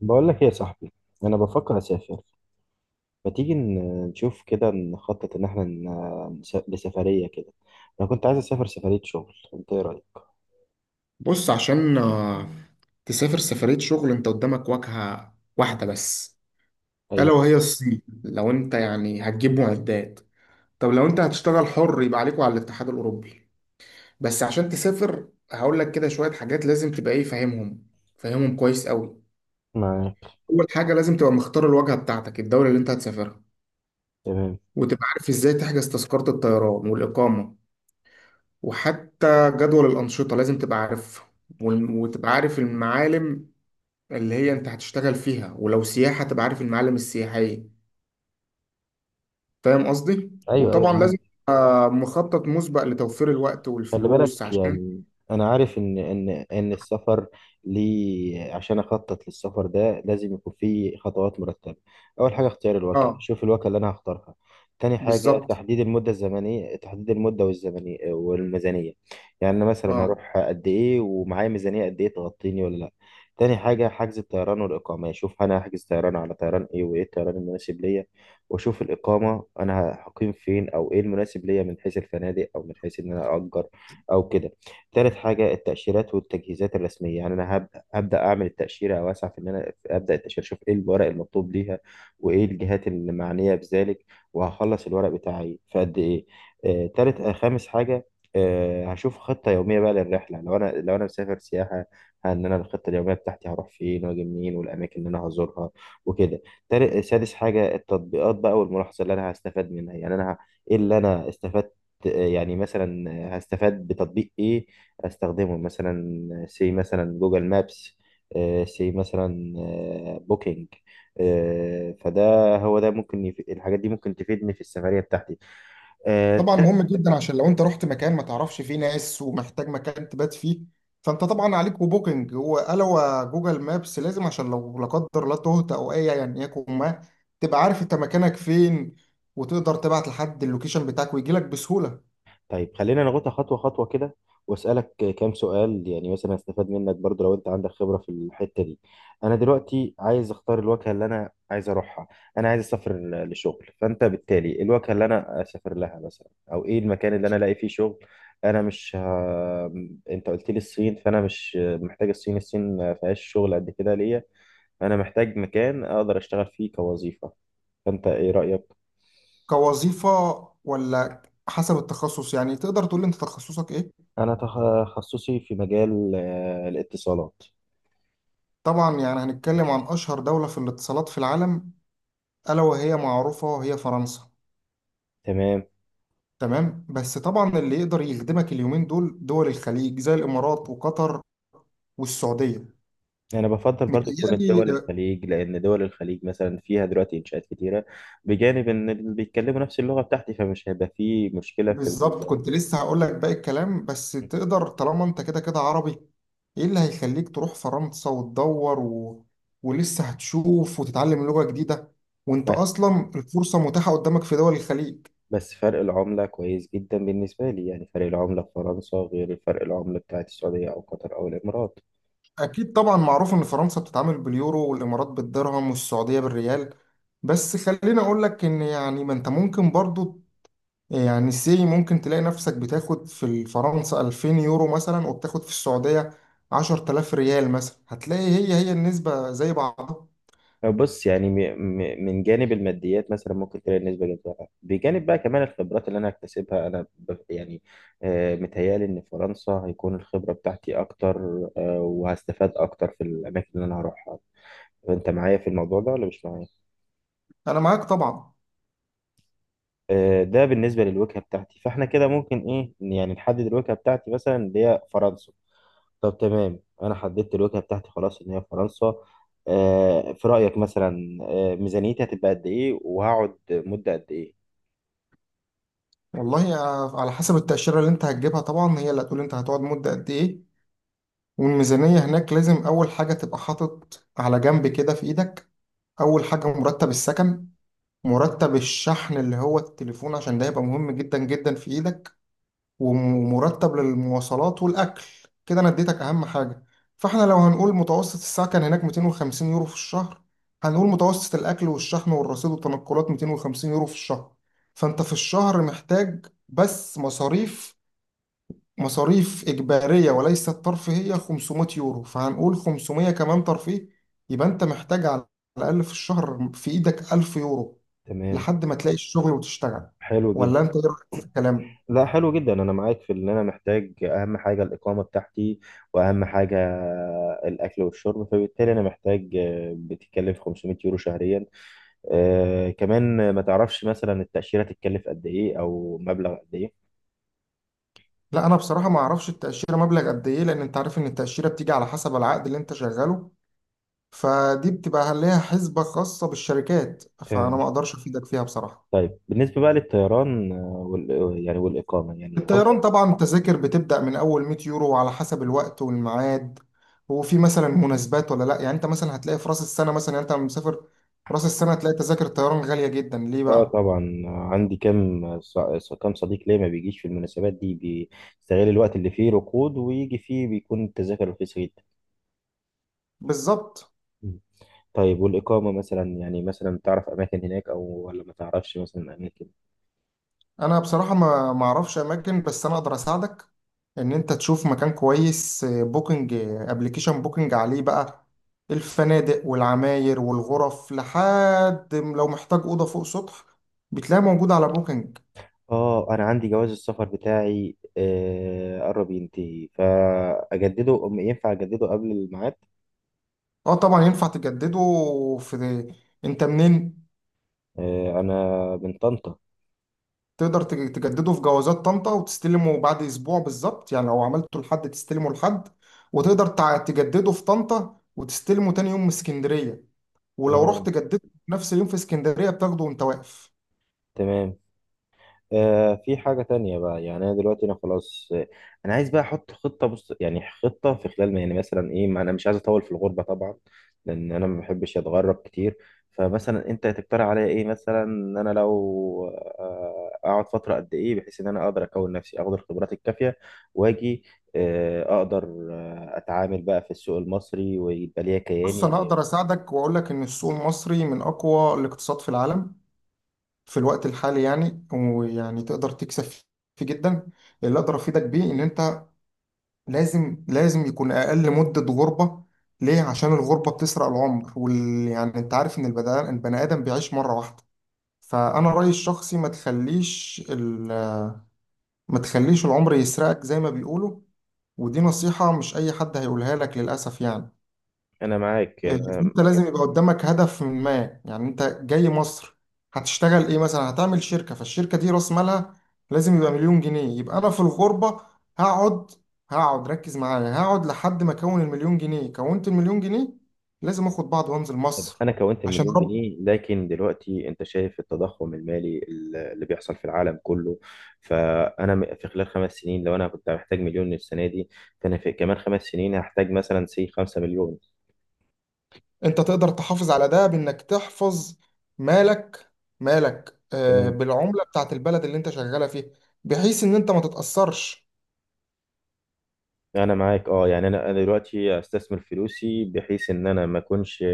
بقول لك ايه يا صاحبي؟ انا بفكر اسافر. ما تيجي نشوف كده نخطط ان احنا لسفريه كده؟ انا كنت عايز اسافر سفريه شغل، انت ايه رايك؟ بص، عشان تسافر سفرية شغل، انت قدامك واجهة واحدة بس. ألا ايوه، وهي الصين، لو انت يعني هتجيب معدات. طب لو انت هتشتغل حر يبقى عليكوا على الاتحاد الأوروبي. بس عشان تسافر هقول لك كده شوية حاجات لازم تبقى ايه فاهمهم، فاهمهم كويس قوي. معاك. أول حاجة لازم تبقى مختار الواجهة بتاعتك، الدولة اللي انت هتسافرها، تمام. وتبقى عارف ازاي تحجز تذكرة الطيران والإقامة، وحتى جدول الأنشطة لازم تبقى عارفها، وتبقى عارف المعالم اللي هي انت هتشتغل فيها، ولو سياحة تبقى عارف المعالم السياحية. فاهم قصدي؟ ايوه، ايوه، وطبعا لازم معاك. يبقى مخطط مسبق لتوفير الوقت خلي والفلوس بالك عشان. يعني. انا عارف ان السفر. ليه عشان اخطط للسفر ده لازم يكون فيه خطوات مرتبه. اول حاجه اختيار الوكيل، اه. شوف الوكيل اللي انا هختارها. تاني حاجه بالظبط. تحديد المده الزمنيه، تحديد المده والزمنيه والميزانيه. يعني انا مثلا اه. هروح قد ايه، ومعايا ميزانيه قد ايه تغطيني ولا لا. تاني حاجه حجز الطيران والاقامه، شوف انا هحجز طيران على طيران ايه، وايه الطيران المناسب ليا. واشوف الاقامه، انا هقيم فين، او ايه المناسب ليا من حيث الفنادق، او من حيث ان انا اجر او كده. تالت حاجه التاشيرات والتجهيزات الرسميه، يعني انا هبدا اعمل التاشيره، او اسعى في ان انا ابدا التاشيره، اشوف ايه الورق المطلوب ليها، وايه الجهات المعنيه بذلك، وهخلص الورق بتاعي في قد ايه. آه، تالت آه، خامس حاجه. هشوف خطه يوميه بقى للرحله، لو انا مسافر سياحه، ان انا الخطه اليوميه بتاعتي هروح فين واجي منين، والاماكن اللي انا هزورها وكده. تالت آه، سادس حاجه التطبيقات بقى، والملاحظه اللي انا هستفاد منها. يعني ايه اللي انا استفدت، يعني مثلا هستفاد بتطبيق ايه استخدمه. مثلا مثلا جوجل مابس، آه، سي مثلا بوكينج. آه، فده هو ده ممكن الحاجات دي ممكن تفيدني في السفرية بتاعتي. آه، طبعا مهم جدا، عشان لو انت رحت مكان ما تعرفش فيه ناس ومحتاج مكان تبات فيه، فانت طبعا عليك وبوكينج وقالوا جوجل مابس لازم. عشان لو لا قدر الله تهت او اي يعني يكون ما، تبقى عارف انت مكانك فين، وتقدر تبعت لحد اللوكيشن بتاعك ويجي لك بسهولة. طيب خلينا ناخدها خطوة خطوة كده، واسألك كام سؤال يعني، مثلا هستفاد منك برضو لو انت عندك خبرة في الحتة دي. انا دلوقتي عايز اختار الوجهة اللي انا عايز اروحها. انا عايز اسافر لشغل، فانت بالتالي الوجهة اللي انا اسافر لها مثلا، او ايه المكان اللي انا الاقي فيه شغل. انا مش ه... انت قلت لي الصين، فانا مش محتاج الصين. الصين ما فيهاش شغل قد كده ليا. انا محتاج مكان اقدر اشتغل فيه كوظيفة، فانت ايه رأيك؟ كوظيفة ولا؟ حسب التخصص يعني، تقدر تقول لي انت تخصصك ايه؟ انا تخصصي في مجال الاتصالات. طبعا يعني هنتكلم عن اشهر دولة في الاتصالات في العالم، الا وهي معروفة وهي فرنسا. تمام. تمام، بس طبعا اللي يقدر يخدمك اليومين دول دول الخليج، زي الامارات وقطر والسعودية. يعني أنا بفضل برضو تكون متهيألي. الدول الخليج، لأن دول الخليج مثلا فيها دلوقتي إنشاءات كتيرة، بجانب إن اللي بيتكلموا نفس اللغة بتاعتي، فمش هيبقى فيه مشكلة في بالظبط، ال... كنت لسه هقول لك باقي الكلام. بس تقدر، طالما انت كده كده عربي، ايه اللي هيخليك تروح فرنسا وتدور و، ولسه هتشوف وتتعلم لغة جديدة، وانت اصلا الفرصة متاحة قدامك في دول الخليج. بس فرق العملة كويس جدا بالنسبة لي. يعني فرق العملة في فرنسا غير فرق العملة بتاعت السعودية أو قطر أو الإمارات. اكيد طبعا، معروف ان فرنسا بتتعامل باليورو والامارات بالدرهم والسعودية بالريال. بس خليني اقول لك ان يعني ما انت ممكن برضو، يعني ممكن تلاقي نفسك بتاخد في فرنسا 2000 يورو مثلا، وبتاخد في السعودية 10000 ريال مثلا، هتلاقي هي هي النسبة زي بعضها. بص يعني، من جانب الماديات مثلا ممكن تلاقي النسبة جذابة، بجانب بقى كمان الخبرات اللي أنا هكتسبها. يعني متهيألي إن فرنسا هيكون الخبرة بتاعتي أكتر، وهستفاد أكتر في الأماكن اللي أنا هروحها. أنت معايا في الموضوع ده ولا مش معايا؟ أنا معاك طبعا. ده بالنسبة للوجهة بتاعتي، فإحنا كده ممكن إيه يعني نحدد الوجهة بتاعتي مثلا اللي هي فرنسا. طب تمام، أنا حددت الوجهة بتاعتي خلاص إن هي فرنسا. في رأيك مثلا، ميزانيتي هتبقى قد إيه وهقعد مدة قد إيه؟ والله على حسب التأشيرة اللي أنت هتجيبها، طبعا هي اللي هتقول أنت هتقعد مدة قد إيه. والميزانية هناك، لازم أول حاجة تبقى حاطط على جنب كده في إيدك: أول حاجة مرتب السكن، مرتب الشحن اللي هو التليفون عشان ده هيبقى مهم جدا جدا في إيدك، ومرتب للمواصلات والأكل. كده أنا اديتك أهم حاجة. فاحنا لو هنقول متوسط الساعة كان هناك 250 يورو في الشهر، هنقول متوسط الأكل والشحن والرصيد والتنقلات 250 يورو في الشهر، فأنت في الشهر محتاج بس مصاريف، مصاريف إجبارية وليست ترفيهية، 500 يورو، فهنقول 500 كمان ترفيه، يبقى أنت محتاج على الأقل في الشهر في إيدك 1000 يورو، تمام. لحد ما تلاقي الشغل وتشتغل. حلو ولا جدا. أنت إيه رأيك في الكلام؟ لا، حلو جدا. انا معاك في ان انا محتاج اهم حاجه الاقامه بتاعتي، واهم حاجه الاكل والشرب. فبالتالي انا محتاج بتتكلف 500 يورو شهريا. آه كمان، ما تعرفش مثلا التاشيره تتكلف قد ايه او مبلغ قد ايه؟ لا، انا بصراحه ما اعرفش التاشيره مبلغ قد ايه، لان انت عارف ان التاشيره بتيجي على حسب العقد اللي انت شغاله، فدي بتبقى ليها حسبه خاصه بالشركات، فانا تمام. ما اقدرش افيدك فيها بصراحه. طيب بالنسبه بقى للطيران آه، وال يعني والاقامه، يعني افضل. الطيران طبعا، التذاكر بتبدا من اول 100 يورو، على حسب الوقت والميعاد، وفي مثلا مناسبات ولا لا. يعني انت مثلا هتلاقي في راس السنه مثلا، يعني انت لما مسافر في راس السنه هتلاقي تذاكر الطيران غاليه جدا. ليه اه بقى؟ طبعا، عندي كام صديق ليا ما بيجيش في المناسبات دي، بيستغل الوقت اللي فيه ركود ويجي فيه، بيكون التذاكر رخيصه جدا. بالظبط. طيب والإقامة مثلا، يعني مثلا تعرف أماكن هناك، أو ولا ما تعرفش مثلا أماكن؟ انا بصراحه ما اعرفش اماكن، بس انا اقدر اساعدك ان انت تشوف مكان كويس. بوكينج، ابلكيشن بوكينج، عليه بقى الفنادق والعماير والغرف، لحد لو محتاج اوضه فوق سطح بتلاقي موجود على بوكينج. آه أنا عندي جواز السفر بتاعي، قرب ينتهي، فأجدده، ينفع أجدده قبل الميعاد؟ اه طبعا ينفع تجدده. في، انت منين؟ أنا من طنطا. تقدر تجدده في جوازات طنطا وتستلمه بعد اسبوع بالظبط، يعني لو عملته لحد تستلمه لحد. وتقدر تجدده في طنطا وتستلمه تاني يوم من اسكندريه. ولو رحت آه، جددته في نفس اليوم في اسكندرية بتاخده وانت واقف. تمام. في حاجة تانية بقى، يعني أنا دلوقتي أنا خلاص، أنا عايز بقى أحط خطة. بص يعني، خطة في خلال ما يعني مثلا إيه، ما أنا مش عايز أطول في الغربة طبعا، لأن أنا ما بحبش أتغرب كتير. فمثلا أنت تقترح عليا إيه، مثلا إن أنا لو أقعد فترة قد إيه، بحيث إن أنا أقدر أكون نفسي أخد الخبرات الكافية، وأجي أقدر أتعامل بقى في السوق المصري، ويبقى ليا كياني بص انا وليا. اقدر اساعدك واقول لك ان السوق المصري من اقوى الاقتصاد في العالم في الوقت الحالي، يعني ويعني تقدر تكسب فيه جدا. اللي اقدر افيدك بيه ان انت لازم، لازم يكون اقل مدة غربة. ليه؟ عشان الغربة بتسرق العمر وال، يعني انت عارف ان البني ادم بيعيش مرة واحدة. فانا رأيي الشخصي ما تخليش ال، ما تخليش العمر يسرقك زي ما بيقولوا. ودي نصيحة مش اي حد هيقولها لك للاسف يعني. أنا معاك إيه، يعني. انت لازم يبقى قدامك هدف ما، يعني انت جاي مصر هتشتغل ايه، مثلا هتعمل شركة، فالشركة دي راس مالها لازم يبقى 1,000,000 جنيه. يبقى انا في الغربة هقعد، هقعد، ركز معايا، هقعد لحد ما اكون المليون جنيه. كونت المليون جنيه، لازم اخد بعض وانزل طب مصر. انا كونت عشان المليون رب. جنيه، لكن دلوقتي انت شايف التضخم المالي اللي بيحصل في العالم كله. فانا في خلال 5 سنين لو انا كنت محتاج مليون السنه دي، فانا في كمان 5 سنين هحتاج مثلا 5 مليون. انت تقدر تحافظ على ده بانك تحفظ مالك، تمام، بالعملة بتاعت البلد اللي انت شغالة فيها، بحيث ان انت ما تتأثرش. انا معاك. اه يعني انا دلوقتي استثمر فلوسي بحيث ان انا ما اكونش،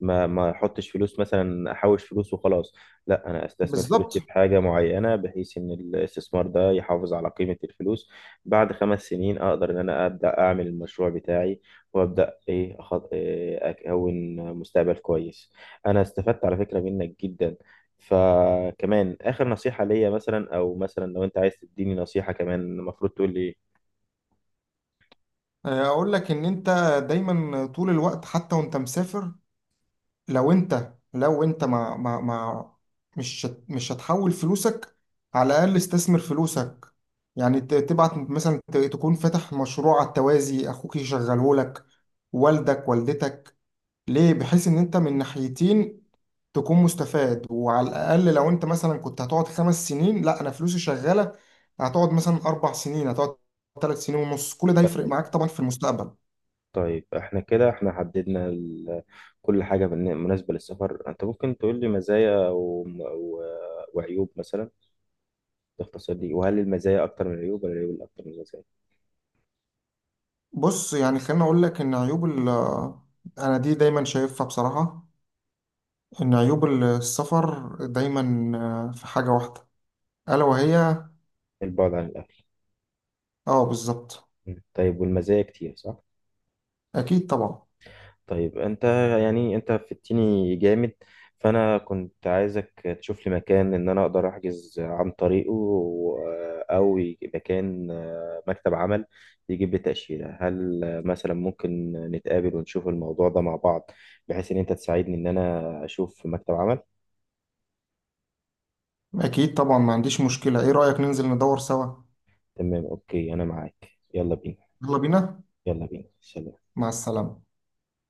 ما احطش فلوس مثلا، احوش فلوس وخلاص. لا، انا استثمر فلوسي بالظبط. في حاجه معينه بحيث ان الاستثمار ده يحافظ على قيمه الفلوس. بعد 5 سنين اقدر ان انا ابدا اعمل المشروع بتاعي، وابدا إيه اكون مستقبل كويس. انا استفدت على فكره منك جدا. فكمان اخر نصيحه ليا مثلا، او مثلا لو انت عايز تديني نصيحه كمان، المفروض تقول لي إيه؟ اقول لك ان انت دايما طول الوقت حتى وانت مسافر، لو انت ما مش مش هتحول فلوسك، على الاقل استثمر فلوسك. يعني تبعت مثلا، تكون فاتح مشروع على التوازي اخوك يشغله لك، والدك، والدتك. ليه؟ بحيث ان انت من ناحيتين تكون مستفاد. وعلى الاقل لو انت مثلا كنت هتقعد 5 سنين، لا، انا فلوسي شغاله، هتقعد مثلا 4 سنين، هتقعد 3 سنين ونص، كل ده هيفرق معاك طبعا في المستقبل. طيب احنا كده، احنا حددنا ال... كل حاجة مناسبة للسفر. انت ممكن تقول لي مزايا وعيوب مثلا، باختصار دي؟ وهل المزايا اكتر من العيوب ولا العيوب اكتر من المزايا؟ بص يعني خليني اقول لك ان عيوب ال، انا دي دايما شايفها بصراحة، ان عيوب السفر دايما في حاجة واحدة، الا وهي. البعد عن الاهل. اه بالظبط. م. طيب والمزايا كتير، صح؟ اكيد طبعا، طيب انت، يعني انت فدتني جامد. فانا كنت عايزك تشوف لي مكان ان انا اقدر احجز عن طريقه، مكان، مكتب عمل يجيب لي تأشيرة. هل مثلا ممكن نتقابل ونشوف الموضوع ده مع بعض، بحيث ان انت تساعدني ان انا اشوف مكتب عمل؟ اكيد طبعا، ما عنديش مشكلة. ايه رأيك ننزل ندور سوا؟ تمام اوكي، انا معاك. يلا بينا. يلا بينا. يلا بينا، سلام. مع السلامة.